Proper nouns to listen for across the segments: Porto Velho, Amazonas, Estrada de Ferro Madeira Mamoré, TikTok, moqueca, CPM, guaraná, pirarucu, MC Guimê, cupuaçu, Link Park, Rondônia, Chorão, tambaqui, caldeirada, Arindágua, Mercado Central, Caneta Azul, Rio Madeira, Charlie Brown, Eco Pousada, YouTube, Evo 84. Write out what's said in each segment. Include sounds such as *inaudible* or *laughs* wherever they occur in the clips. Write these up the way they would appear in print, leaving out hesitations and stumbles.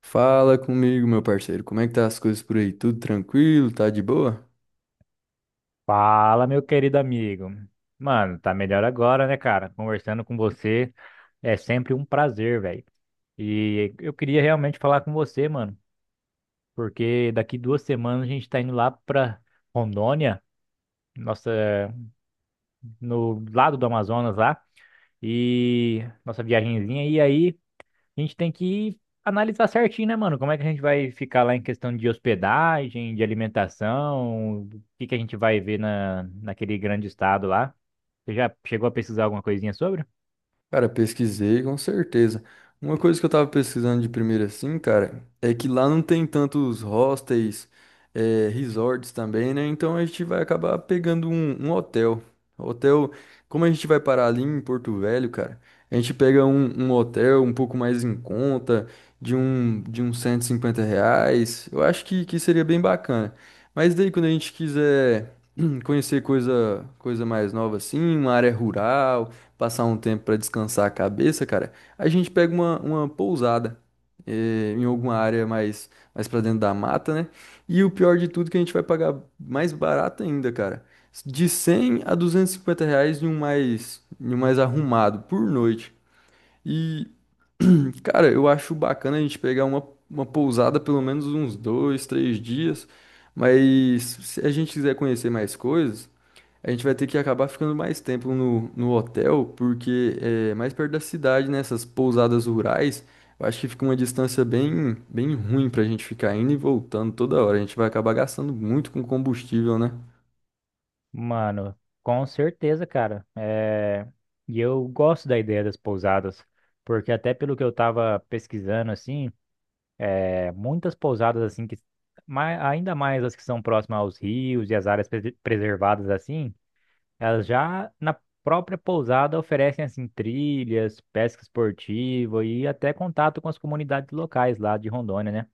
Fala comigo, meu parceiro. Como é que tá as coisas por aí? Tudo tranquilo? Tá de boa? Fala, meu querido amigo. Mano, tá melhor agora, né, cara? Conversando com você é sempre um prazer, velho. E eu queria realmente falar com você, mano, porque daqui duas semanas a gente tá indo lá pra Rondônia, nossa, no lado do Amazonas lá, e nossa viagenzinha. E aí a gente tem que analisar certinho, né, mano? Como é que a gente vai ficar lá em questão de hospedagem, de alimentação, o que que a gente vai ver naquele grande estado lá? Você já chegou a pesquisar alguma coisinha sobre? Cara, pesquisei com certeza. Uma coisa que eu tava pesquisando de primeira assim, cara, é que lá não tem tantos hostels, resorts também, né? Então a gente vai acabar pegando um hotel. Hotel, como a gente vai parar ali em Porto Velho, cara, a gente pega um hotel um pouco mais em conta, de de uns R$ 150. Eu acho que seria bem bacana. Mas daí quando a gente quiser *clears throat* conhecer coisa mais nova assim, uma área rural passar um tempo para descansar a cabeça, cara, a gente pega uma pousada em alguma área mais para dentro da mata, né? E o pior de tudo é que a gente vai pagar mais barato ainda, cara. De 100 a R$ 250 em um em um mais arrumado por noite. E, *clears throat* cara, eu acho bacana a gente pegar uma pousada pelo menos uns dois, três dias. Mas se a gente quiser conhecer mais coisas. A gente vai ter que acabar ficando mais tempo no hotel, porque é mais perto da cidade, né? Essas pousadas rurais, eu acho que fica uma distância bem ruim pra gente ficar indo e voltando toda hora. A gente vai acabar gastando muito com combustível, né? Mano, com certeza, cara. E eu gosto da ideia das pousadas, porque até pelo que eu tava pesquisando, assim, muitas pousadas, assim, ainda mais as que são próximas aos rios e as áreas preservadas, assim, elas já na própria pousada oferecem assim trilhas, pesca esportiva e até contato com as comunidades locais lá de Rondônia, né?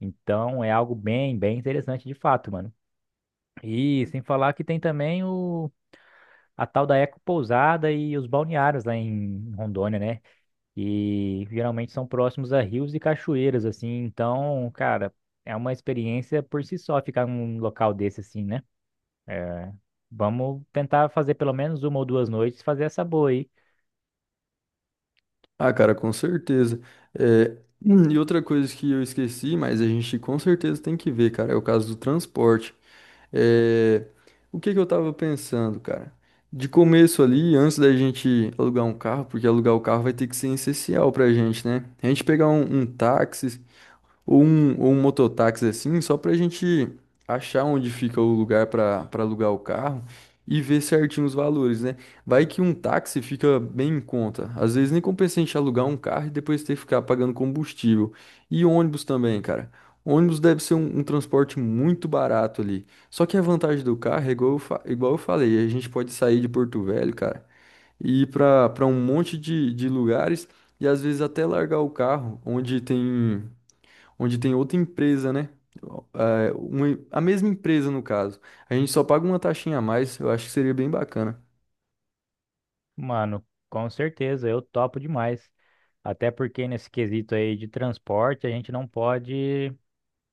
Então é algo bem, bem interessante de fato, mano. E sem falar que tem também o a tal da Eco Pousada e os balneários lá em Rondônia, né? E geralmente são próximos a rios e cachoeiras assim, então, cara, é uma experiência por si só ficar num local desse assim, né? É, vamos tentar fazer pelo menos uma ou duas noites, fazer essa boa aí. Ah, cara, com certeza. É, e outra coisa que eu esqueci, mas a gente com certeza tem que ver, cara, é o caso do transporte. É, o que que eu tava pensando, cara? De começo ali, antes da gente alugar um carro, porque alugar o carro vai ter que ser essencial pra gente, né? A gente pegar um táxi, ou um mototáxi assim, só pra gente achar onde fica o lugar pra para alugar o carro e ver certinho os valores, né? Vai que um táxi fica bem em conta. Às vezes nem compensa a gente alugar um carro e depois ter que ficar pagando combustível. E ônibus também, cara. Ônibus deve ser um transporte muito barato ali. Só que a vantagem do carro é igual igual eu falei, a gente pode sair de Porto Velho, cara, e ir pra para um monte de lugares e às vezes até largar o carro onde tem outra empresa, né? É, a mesma empresa, no caso. A gente só paga uma taxinha a mais, eu acho que seria bem bacana. Mano, com certeza, eu topo demais. Até porque nesse quesito aí de transporte, a gente não pode,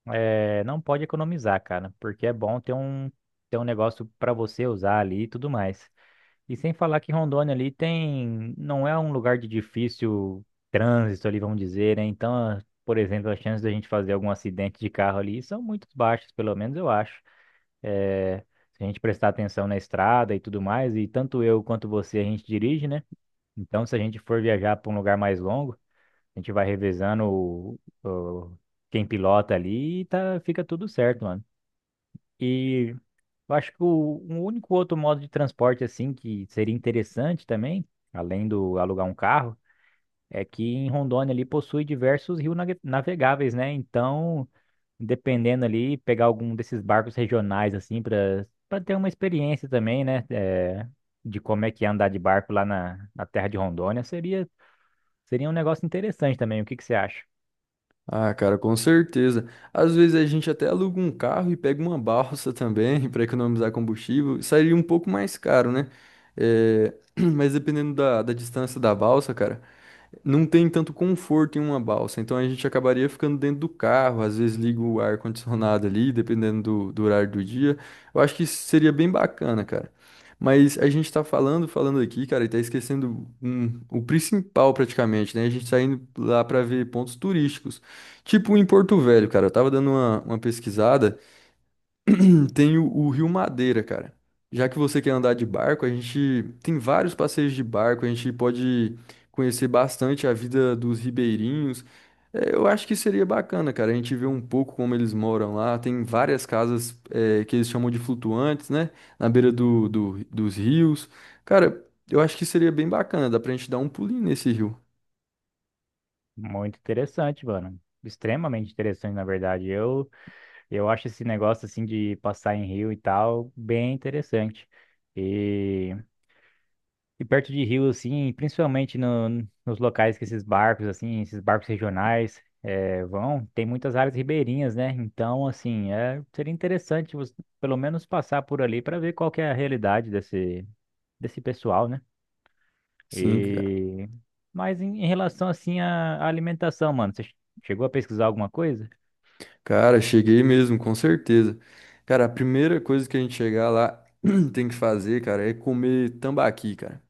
é, não pode economizar, cara, porque é bom ter ter um negócio pra você usar ali e tudo mais. E sem falar que Rondônia ali tem, não é um lugar de difícil trânsito ali, vamos dizer, né? Então, por exemplo, as chances da gente fazer algum acidente de carro ali são muito baixas, pelo menos eu acho. eh, Se a gente prestar atenção na estrada e tudo mais, e tanto eu quanto você a gente dirige, né? Então, se a gente for viajar para um lugar mais longo, a gente vai revezando quem pilota ali e tá, fica tudo certo, mano. E eu acho que um único outro modo de transporte, assim, que seria interessante também, além do alugar um carro, é que em Rondônia ali possui diversos rios navegáveis, né? Então dependendo ali, pegar algum desses barcos regionais, assim, para ter uma experiência também, né? É, de como é que é andar de barco lá na terra de Rondônia, seria um negócio interessante também. O que que você acha? Ah, cara, com certeza. Às vezes a gente até aluga um carro e pega uma balsa também *laughs* para economizar combustível. Sairia um pouco mais caro, né? É, *clears throat* mas dependendo da distância da balsa, cara, não tem tanto conforto em uma balsa, então a gente acabaria ficando dentro do carro, às vezes liga o ar-condicionado ali, dependendo do horário do dia. Eu acho que isso seria bem bacana, cara. Mas a gente tá falando, aqui, cara, e tá esquecendo o principal praticamente, né? A gente tá indo lá pra ver pontos turísticos. Tipo em Porto Velho, cara, eu tava dando uma pesquisada. Tem o Rio Madeira, cara. Já que você quer andar de barco, a gente tem vários passeios de barco, a gente pode conhecer bastante a vida dos ribeirinhos. É, eu acho que seria bacana, cara, a gente vê um pouco como eles moram lá. Tem várias casas, é, que eles chamam de flutuantes, né? Na beira dos rios. Cara, eu acho que seria bem bacana, dá pra gente dar um pulinho nesse rio. Muito interessante, mano. Extremamente interessante, na verdade. Eu acho esse negócio, assim, de passar em rio e tal, bem interessante. E perto de rio, assim, principalmente no- nos locais que esses barcos, assim, esses barcos regionais vão, tem muitas áreas ribeirinhas, né? Então, assim, é, seria interessante você, pelo menos passar por ali para ver qual que é a realidade desse pessoal, né? Sim, cara. E... Mas em relação, assim, à alimentação, mano, você chegou a pesquisar alguma coisa? Cara, cheguei mesmo, com certeza. Cara, a primeira coisa que a gente chegar lá *clears throat* tem que fazer, cara, é comer tambaqui, cara.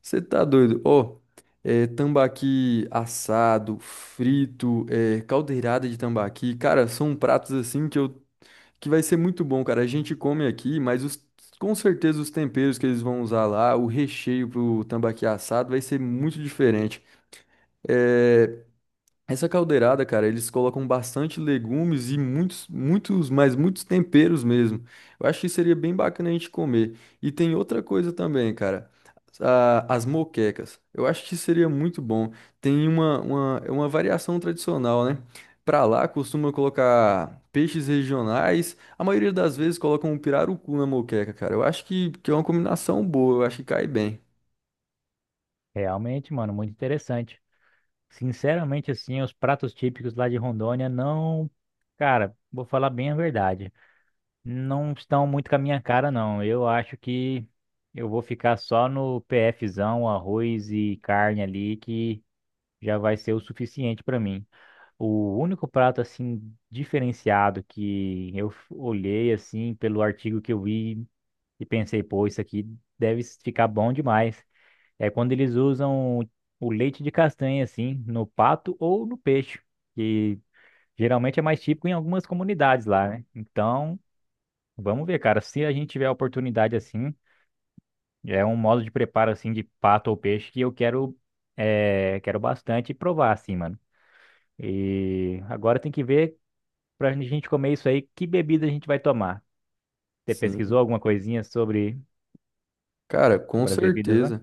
Você tá doido? Ó, é tambaqui assado, frito, é, caldeirada de tambaqui. Cara, são pratos assim que vai ser muito bom, cara. A gente come aqui, mas com certeza os temperos que eles vão usar lá, o recheio pro tambaqui assado vai ser muito diferente. É, essa caldeirada, cara, eles colocam bastante legumes e muitos, mas muitos temperos mesmo. Eu acho que seria bem bacana a gente comer. E tem outra coisa também, cara. As moquecas. Eu acho que seria muito bom. Tem é uma variação tradicional, né? Pra lá costuma colocar peixes regionais. A maioria das vezes colocam um pirarucu na moqueca, cara. Eu acho que é uma combinação boa. Eu acho que cai bem. Realmente, mano, muito interessante. Sinceramente, assim, os pratos típicos lá de Rondônia não... Cara, vou falar bem a verdade. Não estão muito com a minha cara, não. Eu acho que eu vou ficar só no PFzão, arroz e carne ali, que já vai ser o suficiente para mim. O único prato, assim, diferenciado que olhei, assim, pelo artigo que eu vi e pensei, pô, isso aqui ficar bom demais, é quando eles usam o leite de castanha, assim, no pato ou no peixe, que geralmente é mais típico em algumas comunidades lá, né? Então, vamos ver, cara. Se a gente tiver a oportunidade assim, é um modo de preparo assim de pato ou peixe que quero bastante provar assim, mano. E agora tem que ver pra gente comer isso aí, que bebida a gente vai tomar. Você Sim. pesquisou alguma coisinha sobre, Cara, com sobre as bebidas lá? certeza.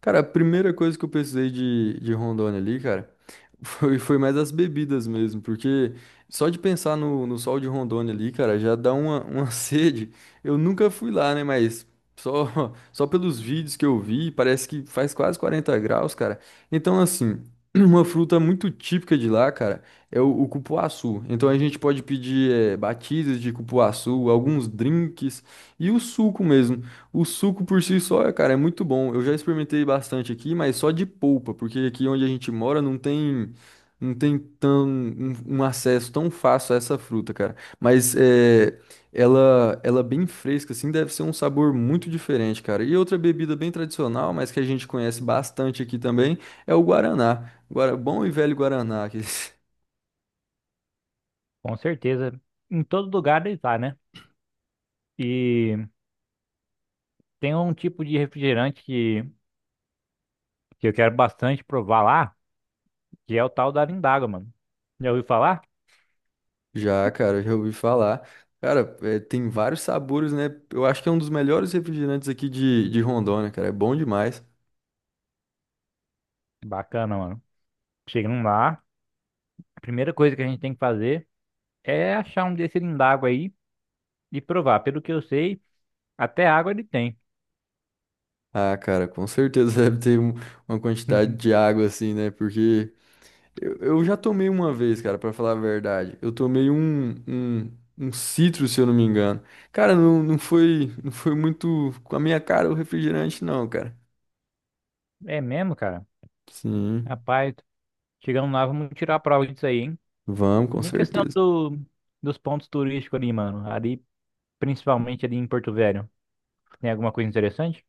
Cara, a primeira coisa que eu precisei de Rondônia ali, cara, *laughs* foi mais as bebidas mesmo, porque só de pensar no sol de Rondônia ali, cara, já dá uma *laughs* sede. Eu nunca fui lá, né, mas *laughs* só pelos vídeos que eu vi, parece que faz quase 40 graus, cara. Então, assim, *clears throat* uma fruta muito típica de lá, cara, é o cupuaçu. Então a gente pode pedir, batidas de cupuaçu, alguns drinks e o suco mesmo. O suco por si só, cara, é muito bom. Eu já experimentei bastante aqui, mas só de polpa, porque aqui onde a gente mora não tem tão um acesso tão fácil a essa fruta, cara. Mas é, ela bem fresca, assim, deve ser um sabor muito diferente, cara. E outra bebida bem tradicional, mas que a gente conhece bastante aqui também, é o guaraná. Guara, bom e velho guaraná. *laughs* Com certeza. Em todo lugar deve estar, né? E tem um tipo de refrigerante que eu quero bastante provar lá, que é o tal da Arindágua, mano. Já ouviu falar? Já, cara, já ouvi falar. Cara, é, tem vários sabores, né? Eu acho que é um dos melhores refrigerantes aqui de Rondônia, cara. É bom demais. Bacana, mano. Chegando lá, a primeira coisa que a gente tem que fazer é achar um desse lindago aí e provar. Pelo que eu sei, até água ele tem. Ah, cara, com certeza *laughs* deve ter uma quantidade de *laughs* água assim, né? Porque eu já tomei uma vez, cara, pra falar a verdade. Eu tomei um citro, se eu não me engano. Cara, não, não foi muito com a minha cara o refrigerante, não, cara. É mesmo, cara? Sim, Rapaz, chegando lá, vamos tirar a prova disso aí, hein? vamos, com E a questão certeza. do, dos pontos turísticos ali, mano. Ali, principalmente ali em Porto Velho. Tem alguma coisa interessante?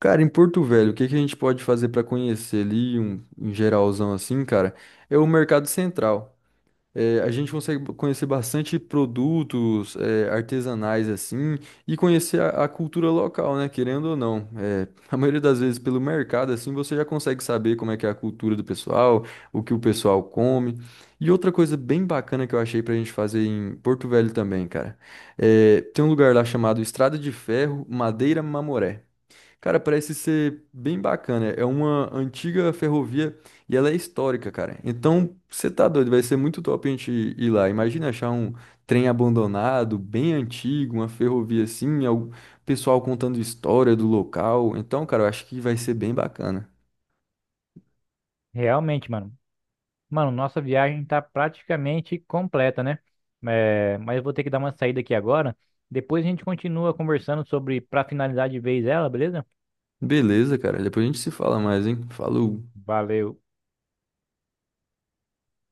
Cara, em Porto Velho, o que que a gente pode fazer para conhecer ali, um geralzão assim, cara? É o Mercado Central. É, a gente consegue conhecer bastante produtos, é, artesanais assim, e conhecer a cultura local, né? Querendo ou não. É, *laughs* a maioria das vezes pelo mercado, assim, você já consegue saber como é que é a cultura do pessoal, o que o pessoal come. E outra coisa bem bacana que eu achei pra gente fazer em Porto Velho também, cara. É, tem um lugar lá chamado Estrada de Ferro Madeira Mamoré. Cara, parece ser bem bacana. É uma antiga ferrovia e ela é histórica, cara. Então, você tá doido, vai ser muito top a gente ir lá. Imagina achar um trem abandonado, bem antigo, uma ferrovia assim, o pessoal contando história do local. Então, cara, eu acho que vai ser bem bacana. Realmente, mano. Mano, nossa viagem tá praticamente completa, né? É, mas eu vou ter que dar uma saída aqui agora. Depois a gente continua conversando sobre, pra finalizar de vez ela, beleza? Beleza, cara. Depois a gente se fala mais, hein? Falou. Valeu.